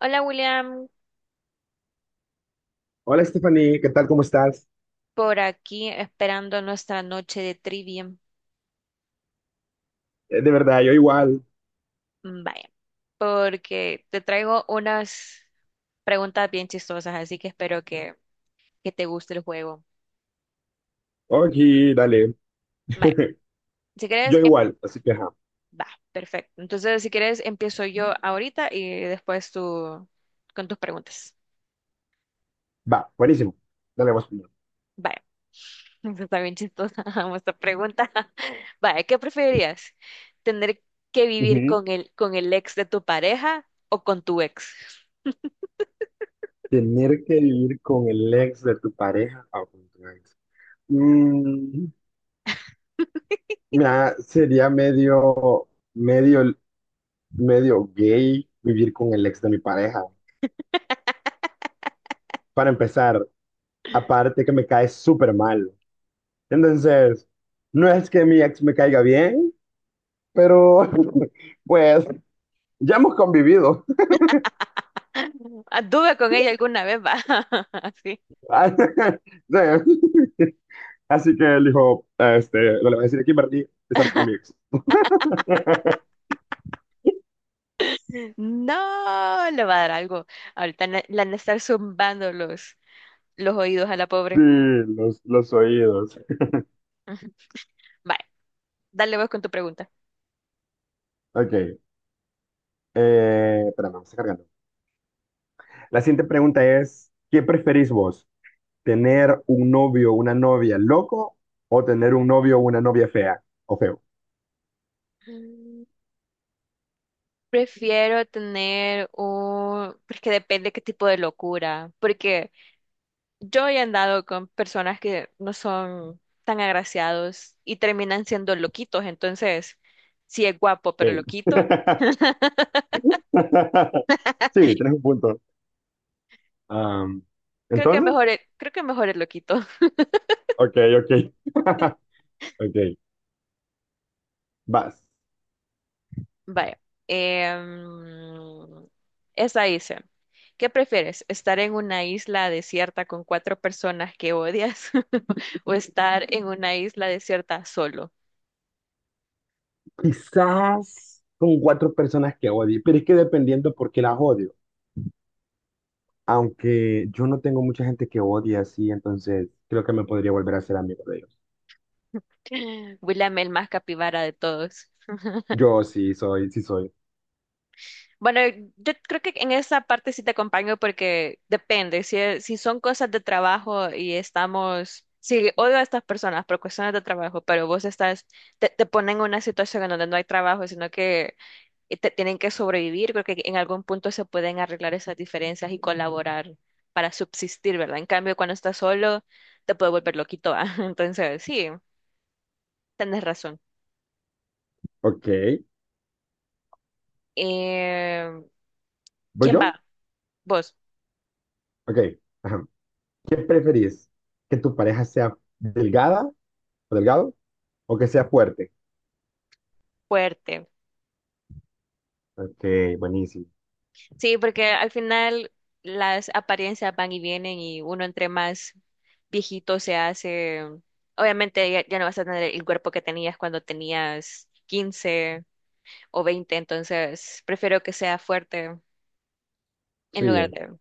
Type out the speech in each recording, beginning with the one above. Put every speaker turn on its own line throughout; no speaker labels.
Hola William,
Hola Stephanie, ¿qué tal? ¿Cómo estás?
por aquí esperando nuestra noche de trivia.
De verdad, yo igual.
Mm, vaya, porque te traigo unas preguntas bien chistosas, así que espero que te guste el juego.
Oye, dale.
Vaya, si quieres,
Yo igual, así que ajá.
va, perfecto. Entonces, si quieres, empiezo yo ahorita y después tú con tus preguntas.
Va, buenísimo. Dale, vos primero.
Vaya, esta está bien chistosa esta pregunta. Vaya, ¿qué preferirías? ¿Tener que vivir
Ujú.
con el ex de tu pareja o con tu ex?
Tener que vivir con el ex de tu pareja o con tu ex. Mm, mira, sería medio, medio gay vivir con el ex de mi pareja. Para empezar, aparte que me cae súper mal. Entonces, no es que mi ex me caiga bien, pero pues ya hemos convivido.
Anduve con ella alguna vez, va. Así.
Ah, sí. Así que él dijo, no le voy a decir a Kimberly de estar con mi ex.
No, le va a dar algo. Ahorita le han de estar zumbando los oídos a la
Sí,
pobre.
los oídos.
Ujú. Vale, dale vos con tu pregunta.
Ok, espérame, me está cargando. La siguiente pregunta es, ¿qué preferís vos? ¿Tener un novio o una novia loco o tener un novio o una novia fea o feo?
Mm, prefiero tener un... Porque depende qué tipo de locura. Porque yo he andado con personas que no son tan agraciados y terminan siendo loquitos. Entonces, si es guapo pero
Ey.
loquito,
Sí, tenés un punto. Am,
creo que
Entonces,
creo que mejor el loquito.
ok, ok. Ok, vas.
Vaya. em, esta dice, ¿qué prefieres? ¿Estar en una isla desierta con cuatro personas que odias o estar en una isla desierta solo?
Quizás con cuatro personas que odie, pero es que dependiendo por qué las odio. Aunque yo no tengo mucha gente que odie así, entonces creo que me podría volver a ser amigo de ellos.
William el más capibara de todos.
Yo sí soy, sí soy.
Bueno, yo creo que en esa parte sí te acompaño porque depende, si, es- si son cosas de trabajo y si odio a estas personas por cuestiones de trabajo, pero vos estás, te ponen en una situación en donde no hay trabajo, sino que tienen que sobrevivir. Creo que en algún punto se pueden arreglar esas diferencias y colaborar para subsistir, ¿verdad? En cambio, cuando estás solo, te puede volver loquito, ¿va? Entonces, sí, tenés razón.
Ok.
Eh,
¿Voy
¿Quién
yo?
va? Vos,
Ok. Ajá. ¿Qué preferís? ¿Que tu pareja sea delgada o delgado o que sea fuerte?
fuerte.
Ok, buenísimo.
Sí, porque al final las apariencias van y vienen y uno entre más viejito se hace, obviamente ya no vas a tener el cuerpo que tenías cuando tenías 15 o veinte, entonces prefiero que sea fuerte en lugar
Sí.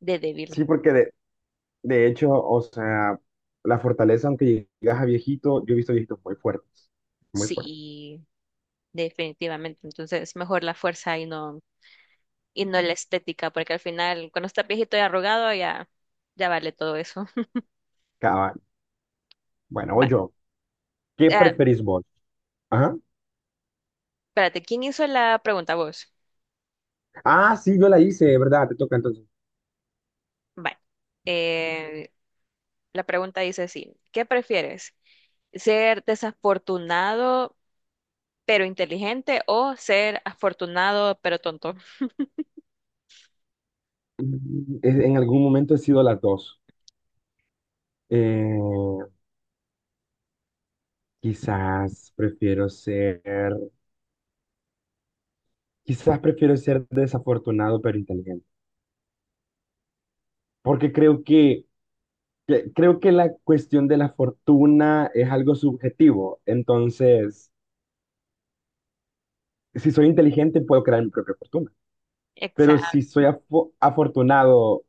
de débil,
Sí, porque de hecho, o sea, la fortaleza, aunque llegas a viejito, yo he visto viejitos muy fuertes. Muy fuertes.
sí, definitivamente. Entonces, mejor la fuerza y y no la estética, porque al final, cuando estás viejito y arrugado, ya vale todo eso.
Cabal. Bueno,
Va.
voy yo. ¿Qué
ah,
preferís vos? Ajá.
espérate, ¿quién hizo la pregunta? Vos.
Ah, sí, yo la hice, ¿de verdad? Te toca entonces.
Vale. Eh, la pregunta dice así, ¿qué prefieres? ¿Ser desafortunado pero inteligente o ser afortunado pero tonto?
En algún momento he sido las dos. Eh, quizás prefiero ser, Quizás prefiero ser desafortunado pero inteligente, porque creo creo que la cuestión de la fortuna es algo subjetivo. Entonces, si soy inteligente puedo crear mi propia fortuna, pero si
Exacto.
soy afortunado,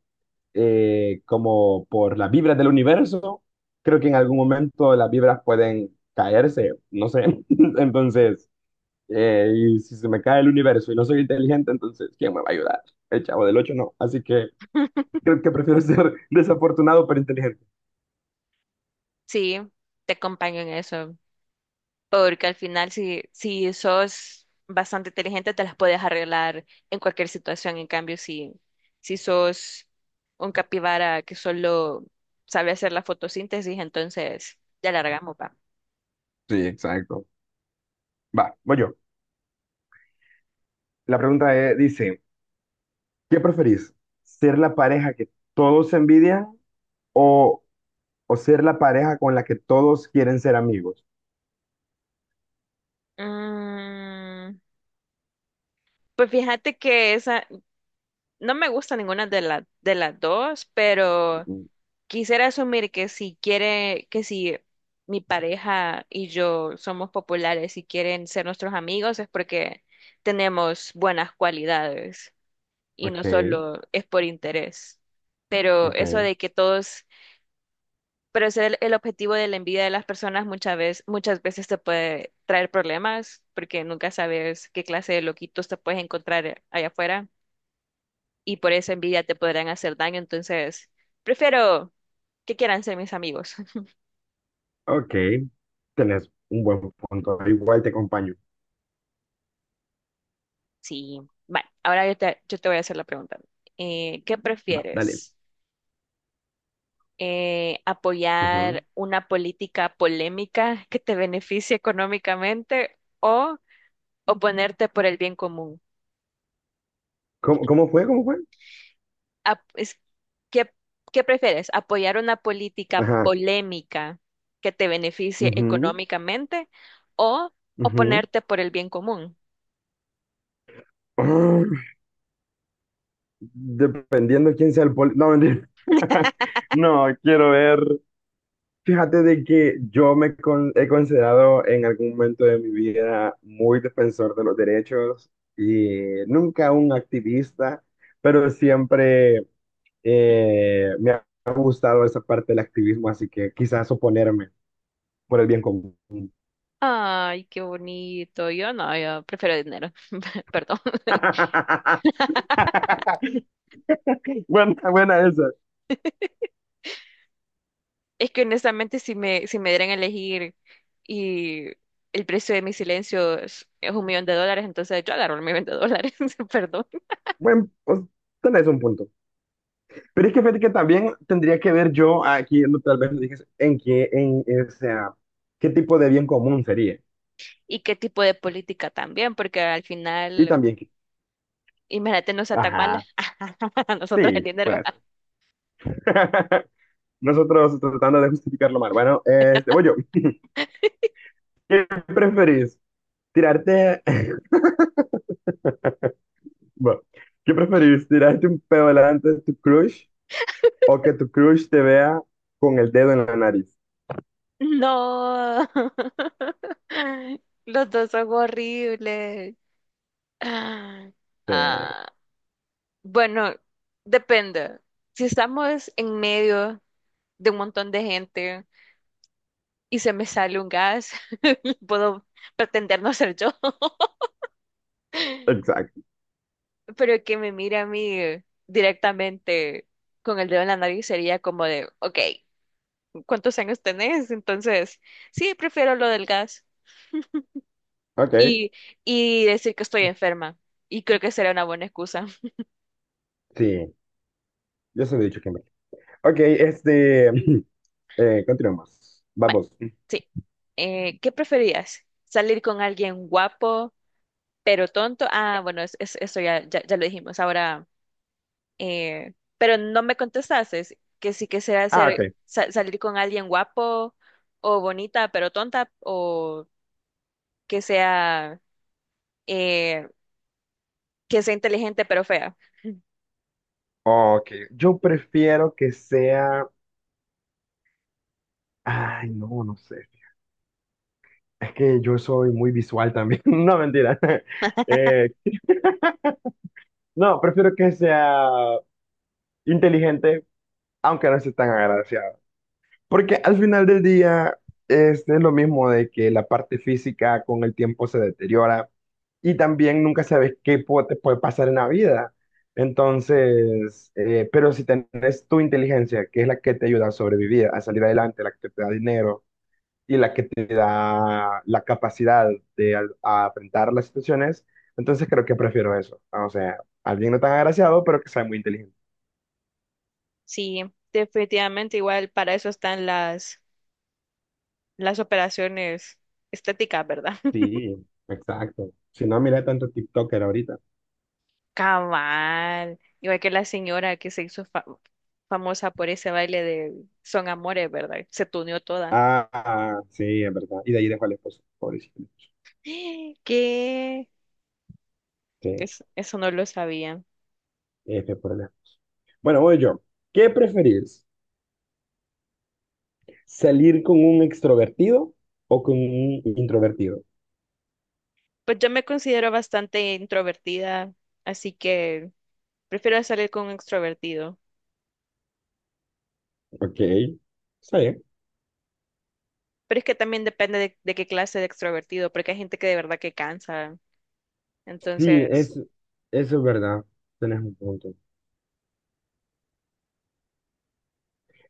como por las vibras del universo, creo que en algún momento las vibras pueden caerse, no sé. Entonces, y si se me cae el universo y no soy inteligente, entonces, ¿quién me va a ayudar? El chavo del ocho no. Así que creo que prefiero ser desafortunado pero inteligente.
Sí, te acompaño en eso. Porque al final, si sos bastante inteligente, te las puedes arreglar en cualquier situación. En cambio, si sos un capibara que solo sabe hacer la fotosíntesis, entonces ya largamos, va.
Sí, exacto. Va, voy yo. La pregunta dice, ¿qué preferís? ¿Ser la pareja que todos envidian o, o ser la pareja con la que todos quieren ser amigos?
Mm, pues fíjate que no me gusta ninguna de, de las dos, pero
Mm,
quisiera asumir que si quiere, que si mi pareja y yo somos populares y quieren ser nuestros amigos es porque tenemos buenas cualidades y no
ok,
solo es por interés. Pero eso
ok,
de que todos, pero ese el objetivo de la envidia de las personas muchas veces te puede traer problemas porque nunca sabes qué clase de loquitos te puedes encontrar allá afuera y por esa envidia te podrán hacer daño. Entonces, prefiero que quieran ser mis amigos.
ok. Tenés un buen punto. Igual te acompaño.
Sí, vale. Ahora yo te voy a hacer la pregunta. ¿Qué
Va, dale.
prefieres? ¿Apoyar
Ujú.
una política polémica que te beneficie económicamente o oponerte por el bien común?
Cómo fue? ¿Cómo fue?
Ap- es- ¿qué, qué prefieres? ¿Apoyar una política
Ajá.
polémica que te beneficie
Ujú,
económicamente o
ujú.
oponerte por el bien común?
Ah, dependiendo quién sea el poli. No, mentira. No, quiero ver. Fíjate de que yo he considerado en algún momento de mi vida muy defensor de los derechos y nunca un activista, pero siempre me ha gustado esa parte del activismo, así que quizás oponerme por el bien común.
Ay, qué bonito. Yo no, yo prefiero dinero. Perdón.
Buena, buena esa.
Es que honestamente si me dieran a elegir y el precio de mi silencio es un millón de dólares, entonces yo agarro el millón de dólares, perdón.
Bueno, pues, tenés un punto. Pero es que fíjate que también tendría que ver yo aquí, no, tal vez lo dije, o sea, qué tipo de bien común sería.
¿Y qué tipo de política también? Porque al
Y
final,
también,
imagínate, no sea tan mala.
ajá,
Nosotros el
sí,
dinero.
puede ser. Nosotros tratando de justificarlo mal. Bueno, voy yo. ¿Qué preferís? ¿Tirarte, bueno, qué preferís? ¿Tirarte un pedo delante de tu crush o que tu crush te vea con el dedo en la nariz?
No. Los dos son horribles. Ah,
Sí,
ah, bueno, depende. Si estamos en medio de un montón de gente y se me sale un gas, puedo pretender no ser yo,
exacto.
pero que me mire a mí directamente con el dedo en la nariz sería como de, ok, ¿cuántos años tenés? Entonces, sí, prefiero lo del gas
Ok.
y, y decir que estoy enferma. Y creo que será una buena excusa.
Sí, yo se lo he dicho, Kimberly. Ok, continuemos.
Vale,
Vamos.
sí. ¿Qué preferías? ¿Salir con alguien guapo pero tonto? Ah, bueno, eso ya lo dijimos. Ahora... pero no me contestaste que si quisiera
Ah, ok.
salir con alguien guapo o bonita pero tonta o que sea, eh, que sea inteligente pero fea.
Ok, yo prefiero que sea... Ay, no, no sé. Es que yo soy muy visual también. No, mentira. Eh, no, prefiero que sea inteligente, aunque no sea tan agraciado. Porque al final del día, es lo mismo de que la parte física con el tiempo se deteriora. Y también nunca sabes te puede pasar en la vida. Entonces, pero si tenés tu inteligencia, que es la que te ayuda a sobrevivir, a salir adelante, la que te da dinero y la que te da la capacidad de a enfrentar las situaciones, entonces creo que prefiero eso. O sea, alguien no tan agraciado, pero que sea muy inteligente.
Sí, definitivamente igual para eso están las operaciones estéticas, ¿verdad?
Sí, exacto. Si no, mira tanto TikToker ahorita.
Cabal, igual que la señora que se hizo famosa por ese baile de Son Amores, ¿verdad? Se tuneó toda.
Ah, ah, sí, es verdad. Y de ahí dejo al esposo, pobrecito.
¿Qué?
Sí,
Eso no lo sabía.
F por allá. Bueno, voy yo. ¿Qué preferís? ¿Salir con un extrovertido o con un introvertido?
Pues yo me considero bastante introvertida, así que prefiero salir con un extrovertido.
Ok, está bien.
Pero es que también depende de qué clase de extrovertido, porque hay gente que de verdad que cansa.
Sí,
Entonces,
es, Eso es verdad. Tenés un punto.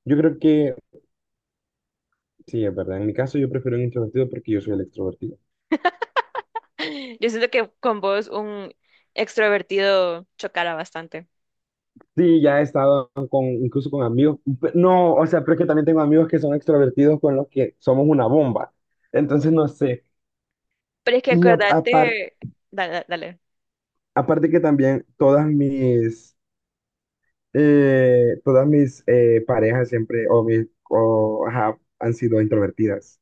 Yo creo que sí, es verdad. En mi caso, yo prefiero un introvertido porque yo soy el extrovertido.
yo siento que con vos un extrovertido chocara bastante.
Sí, ya he estado con, incluso con amigos. No, o sea, pero es que también tengo amigos que son extrovertidos con los que somos una bomba. Entonces, no sé.
Pero es que
Y a- apar-
acordate, dale, dale.
Aparte que también todas mis parejas siempre, ajá, han sido introvertidas.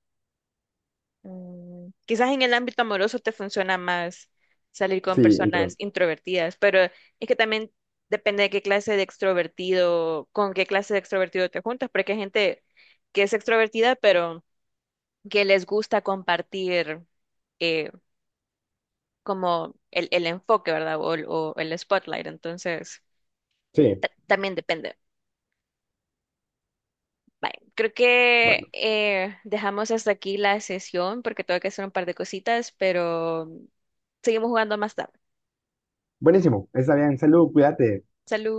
Mm, quizás en el ámbito amoroso te funciona más salir con
Sí,
personas
intro.
introvertidas, pero es que también depende de qué clase de extrovertido, con qué clase de extrovertido te juntas, porque hay gente que es extrovertida, pero que les gusta compartir eh, como el enfoque, ¿verdad? O el spotlight, entonces
Sí,
también depende. Bye. Creo
bueno.
que dejamos hasta aquí la sesión porque tengo que hacer un par de cositas, pero seguimos jugando más tarde.
Buenísimo. Está bien. Salud, cuídate.
Salud.